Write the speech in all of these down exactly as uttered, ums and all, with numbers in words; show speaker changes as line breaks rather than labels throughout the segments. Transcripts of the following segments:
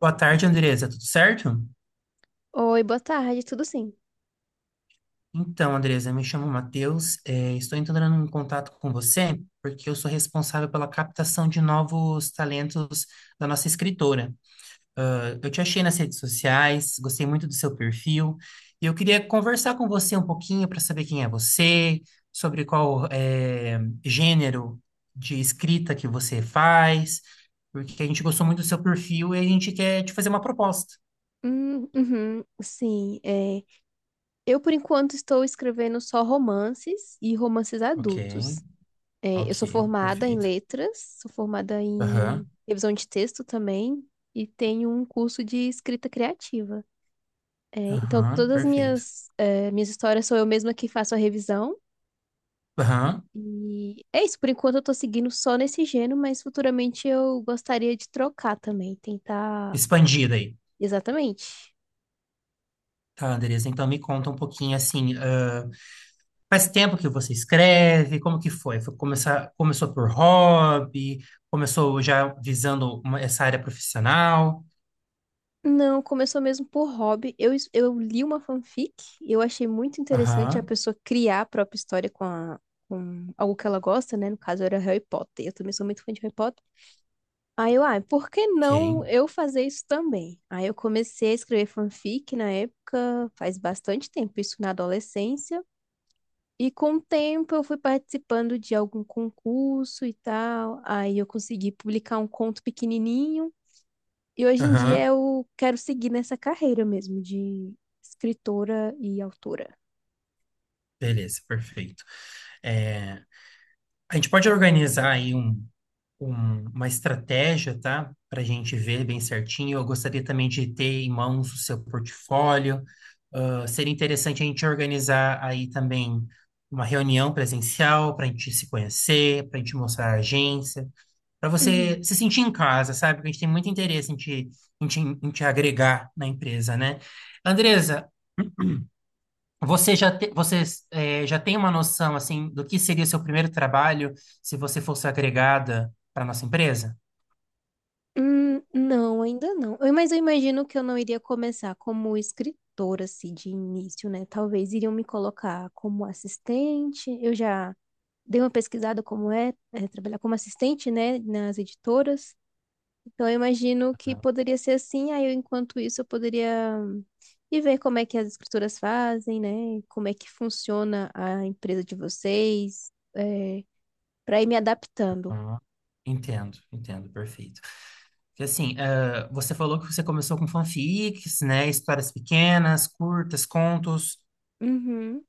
Boa tarde, Andresa. Tudo certo?
Oi, boa tarde, tudo sim?
Então, Andresa, me chamo Matheus. Eh, estou entrando em contato com você porque eu sou responsável pela captação de novos talentos da nossa escritora. Eh, Eu te achei nas redes sociais, gostei muito do seu perfil e eu queria conversar com você um pouquinho para saber quem é você, sobre qual eh, gênero de escrita que você faz, porque a gente gostou muito do seu perfil e a gente quer te fazer uma proposta.
Hum, uhum, sim, é, eu por enquanto estou escrevendo só romances e romances
Ok,
adultos. É, eu sou
ok,
formada em
perfeito.
letras, sou formada
Aham,
em revisão de texto também e tenho um curso de escrita criativa. É, então,
aham,
todas as
perfeito.
minhas, é, minhas histórias sou eu mesma que faço a revisão.
Aham,
E é isso, por enquanto eu tô seguindo só nesse gênero, mas futuramente eu gostaria de trocar também, tentar.
expandida aí.
Exatamente.
Tá, Andresa, então me conta um pouquinho assim, ah, faz tempo que você escreve, como que foi? Foi começar, começou por hobby, começou já visando uma- essa área profissional?
Não, começou mesmo por hobby. Eu, es- eu li uma fanfic e eu achei muito interessante a
Aham,
pessoa criar a própria história com, a- com algo que ela gosta, né? No caso, era Harry Potter. Eu também sou muito fã de Harry Potter. Aí eu, ah, por que
ok.
não eu fazer isso também? Aí eu comecei a escrever fanfic na época, faz bastante tempo, isso na adolescência. E com o tempo eu fui participando de algum concurso e tal. Aí eu consegui publicar um conto pequenininho. E hoje em dia
Aham,
eu quero seguir nessa carreira mesmo de escritora e autora.
beleza, perfeito. É, a gente pode organizar aí um um- uma estratégia, tá? Para a gente ver bem certinho. Eu gostaria também de ter em mãos o seu portfólio. Ah, seria interessante a gente organizar aí também uma reunião presencial para a gente se conhecer, para a gente mostrar a agência, para você
Uhum.
se sentir em casa, sabe? Porque a gente tem muito interesse em te, em te, em te agregar na empresa, né? Andresa, você já, te, você, eh, já tem uma noção, assim, do que seria seu primeiro trabalho se você fosse agregada para nossa empresa?
Hum, não, ainda não. Eu- Mas eu imagino que eu não iria começar como escritora, assim, de início, né? Talvez iriam me colocar como assistente. Eu já dei uma pesquisada como é, é trabalhar como assistente, né, nas editoras. Então, eu imagino que poderia ser assim, aí eu, enquanto isso eu poderia hum, ir ver como é que as escrituras fazem, né? Como é que funciona a empresa de vocês, é, para ir me adaptando.
Ah, entendo, entendo, perfeito. Porque assim, ah, você falou que você começou com fanfics, né? Histórias pequenas, curtas, contos.
Uhum,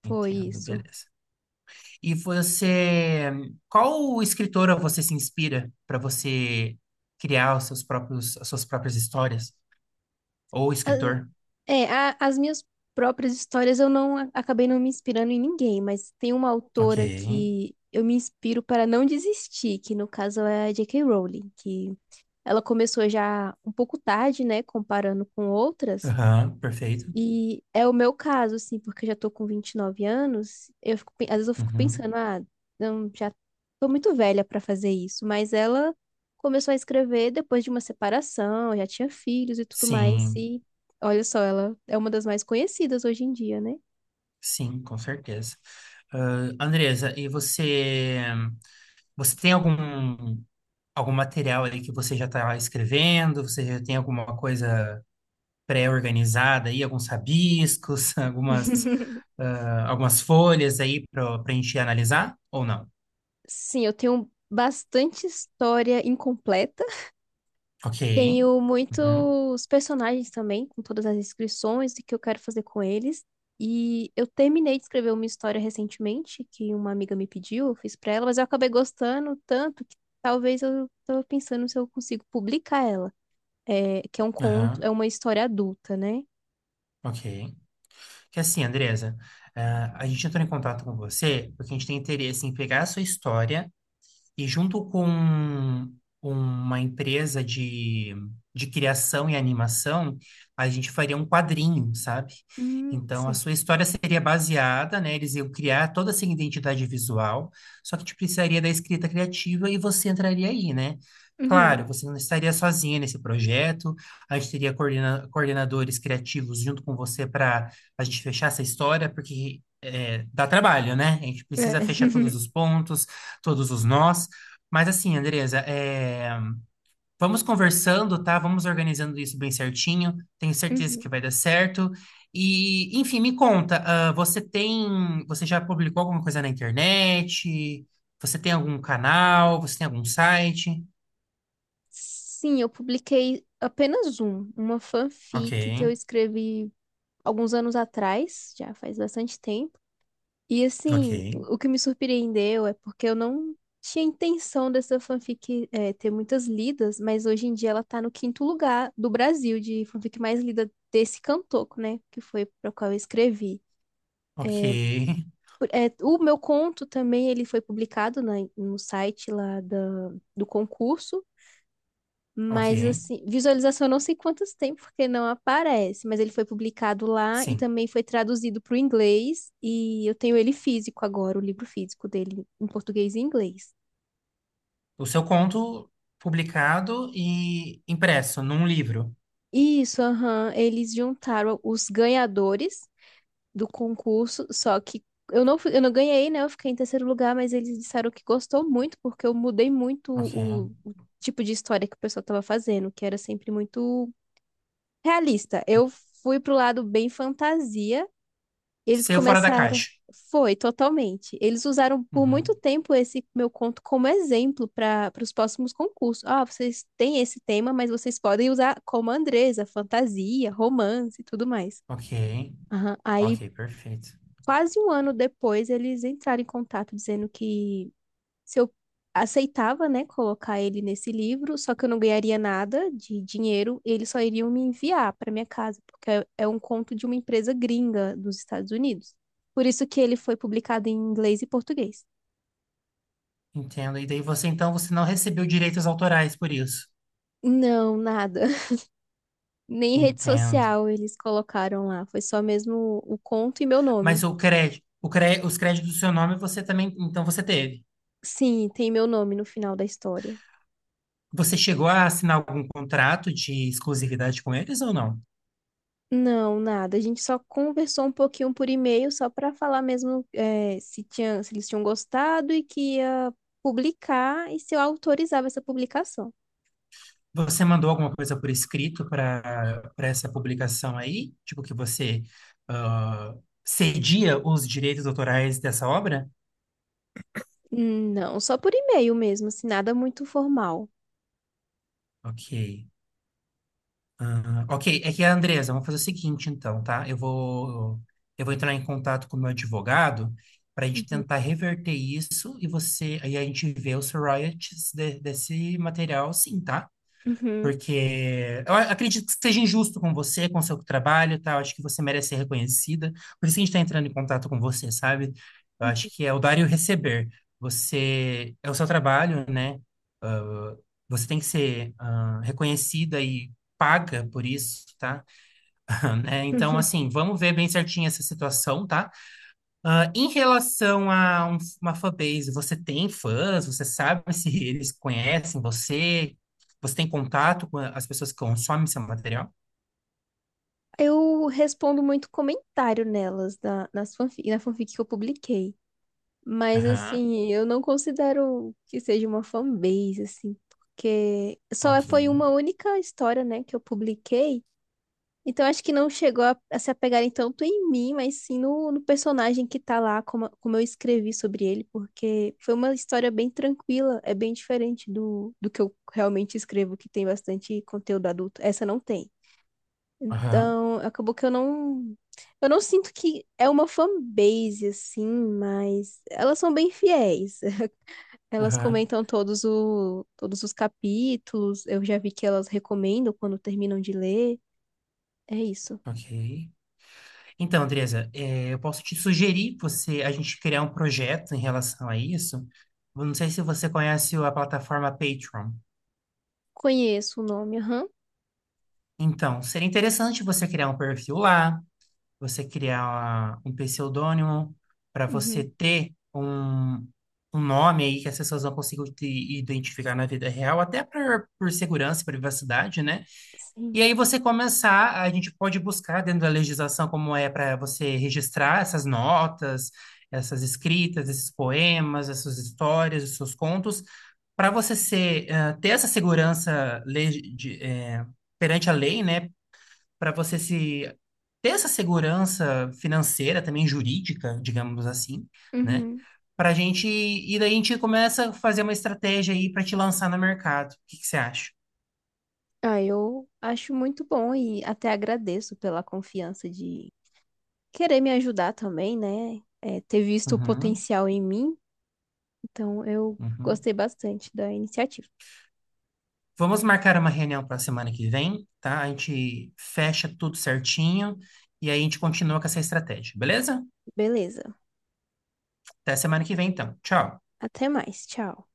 foi
Entendo,
isso.
beleza. E você, qual escritora você se inspira para você criar os seus próprios, as suas próprias histórias? Ou
Ah,
escritor?
é, a- as minhas próprias histórias eu não a- acabei não me inspirando em ninguém, mas tem uma
Ok.
autora que eu me inspiro para não desistir, que no caso é a J.K. Rowling, que ela começou já um pouco tarde, né? Comparando com outras.
Aham, perfeito.
E é o meu caso, assim, porque eu já tô com vinte e nove anos, eu fico, pe- às vezes eu fico
Uhum.
pensando, ah, não, já tô muito velha pra fazer isso, mas ela começou a escrever depois de uma separação, já tinha filhos e tudo mais,
Sim.
e olha só, ela é uma das mais conhecidas hoje em dia, né?
Sim, com certeza. Ah, Andresa, e você, você tem algum, algum material aí que você já está escrevendo? Você já tem alguma coisa pré-organizada aí, alguns rabiscos, algumas, ah, algumas folhas aí para a gente analisar ou não?
Sim, eu tenho bastante história incompleta.
Ok.
Tenho
Uhum,
muitos personagens também, com todas as inscrições e que eu quero fazer com eles. E eu terminei de escrever uma história recentemente, que uma amiga me pediu, eu fiz pra ela, mas eu acabei gostando tanto que talvez eu tava pensando se eu consigo publicar ela. É, que é um conto,
aham,
é uma história adulta, né?
ok. Que assim, Andresa, ah, a gente entrou em contato com você porque a gente tem interesse em pegar a sua história e junto com uma empresa de, de criação e animação, a gente faria um quadrinho, sabe?
Hum,
Então, a
sim.
sua história seria baseada, né? Eles iam criar toda essa identidade visual, só que a gente precisaria da escrita criativa e você entraria aí, né?
Uhum.
Claro, você não estaria sozinha nesse projeto, a gente teria coordena- coordenadores criativos junto com você para a gente fechar essa história, porque é, dá trabalho, né? A gente
É.
precisa fechar todos os pontos, todos os nós. Mas assim, Andresa, é, vamos conversando, tá? Vamos organizando isso bem certinho. Tenho certeza que
Uhum.
vai dar certo. E, enfim, me conta, ah, você tem, você já publicou alguma coisa na internet? Você tem algum canal? Você tem algum site?
Sim, eu publiquei apenas um, uma
Ok,
fanfic que eu escrevi alguns anos atrás, já faz bastante tempo. E
ok,
assim, o o que me surpreendeu é porque eu não tinha intenção dessa fanfic é, ter muitas lidas, mas hoje em dia ela tá no quinto lugar do Brasil de fanfic mais lida desse Cantoco né? Que foi para qual eu escrevi.
ok,
Por- é, o meu conto também ele foi publicado na- no site lá da, do concurso. Mas
ok.
assim, visualização eu não sei quantos tem, porque não aparece, mas ele foi publicado lá e
Sim.
também foi traduzido para o inglês, e eu tenho ele físico agora, o livro físico dele em português e inglês.
O seu conto publicado e impresso num livro.
Isso, aham, eles juntaram os ganhadores do concurso, só que eu não, fui- eu não ganhei, né? Eu fiquei em terceiro lugar, mas eles disseram que gostou muito, porque eu mudei muito
Ok.
o, o tipo de história que o pessoal estava fazendo, que era sempre muito realista. Eu fui pro lado bem fantasia. Eles
Saiu fora da
começaram.
caixa.
Foi, totalmente. Eles usaram por muito
Uhum.
tempo esse meu conto como exemplo para os próximos concursos. Ah, vocês têm esse tema, mas vocês podem usar como Andresa, fantasia, romance e tudo mais.
Ok,
Aham. Aí,
ok, perfeito.
quase um ano depois, eles entraram em contato dizendo que se eu aceitava, né, colocar ele nesse livro, só que eu não ganharia nada de dinheiro, eles só iriam me enviar para minha casa, porque é é um conto de uma empresa gringa dos Estados Unidos. Por isso que ele foi publicado em inglês e português.
Entendo. E daí você, então, você não recebeu direitos autorais por isso.
Não, nada. Nem rede
Entendo.
social eles colocaram lá, foi só mesmo o conto e meu
Mas
nome.
o crédito, o cré, os créditos do seu nome você também, então você teve.
Sim, tem meu nome no final da história.
Você chegou a assinar algum contrato de exclusividade com eles ou não?
Não, nada. A gente só conversou um pouquinho por e-mail, só para falar mesmo eh, se tinha, se eles tinham gostado e que ia publicar e se eu autorizava essa publicação.
Você mandou alguma coisa por escrito para para essa publicação aí? Tipo que você ah, cedia os direitos autorais dessa obra?
Não, só por e-mail mesmo, assim, nada muito formal.
Ok. Ah, ok, é que a Andresa, vamos fazer o seguinte então, tá? Eu vou, eu vou entrar em contato com o meu advogado para a gente
Uhum.
tentar reverter isso e você, aí a gente vê os royalties de- desse material, sim, tá?
Uhum.
Porque eu a- acredito que seja injusto com você, com o seu trabalho, tá? Eu acho que você merece ser reconhecida. Por isso que a gente está entrando em contato com você, sabe? Eu acho que é o dar e o receber. Você, é o seu trabalho, né? Você tem que ser, ah, reconhecida e paga por isso, tá? né? Então, assim, vamos ver bem certinho essa situação, tá? Ah, em relação a um- uma fanbase, você tem fãs? Você sabe se eles conhecem você? Você tem contato com as pessoas que consomem seu material?
Eu respondo muito comentário nelas, na, nas fanfic, na fanfic que eu publiquei. Mas,
Aham,
assim, eu não considero que seja uma fanbase, assim, porque só
ok.
foi uma única história, né, que eu publiquei. Então acho que não chegou a, a se apegarem tanto em mim, mas sim no, no personagem que tá lá, como, como eu escrevi sobre ele, porque foi uma história bem tranquila, é bem diferente do, do que eu realmente escrevo, que tem bastante conteúdo adulto. Essa não tem.
Aham,
Então acabou que eu não. Eu não sinto que é uma fanbase, assim, mas elas são bem fiéis. Elas
aham,
comentam todos, o, todos os capítulos, eu já vi que elas recomendam quando terminam de ler. É isso.
ok. Então, Andresa, eh, eu posso te sugerir você, a gente criar um projeto em relação a isso. Eu não sei se você conhece a plataforma Patreon.
Conheço o nome, aham.
Então, seria interessante você criar um perfil lá, você criar um pseudônimo, para você
Uhum.
ter um, um nome aí que as pessoas não consigam te identificar na vida real, até por, por segurança e privacidade, né? E
Sim.
aí você começar, a gente pode buscar dentro da legislação como é para você registrar essas notas, essas escritas, esses poemas, essas histórias, esses seus contos, para você ser, eh, ter essa segurança legi- de, eh, perante a lei, né? Para você se ter essa segurança financeira, também jurídica, digamos assim, né?
Uhum.
Para gente, e daí a gente começa a fazer uma estratégia aí para te lançar no mercado. O que que você acha?
Ah, eu acho muito bom e até agradeço pela confiança de querer me ajudar também, né? É, ter visto o
Uhum,
potencial em mim. Então, eu
uhum.
gostei bastante da iniciativa.
Vamos marcar uma reunião para a semana que vem, tá? A gente fecha tudo certinho e aí a gente continua com essa estratégia, beleza?
Beleza.
Até semana que vem, então. Tchau.
Até mais. Tchau.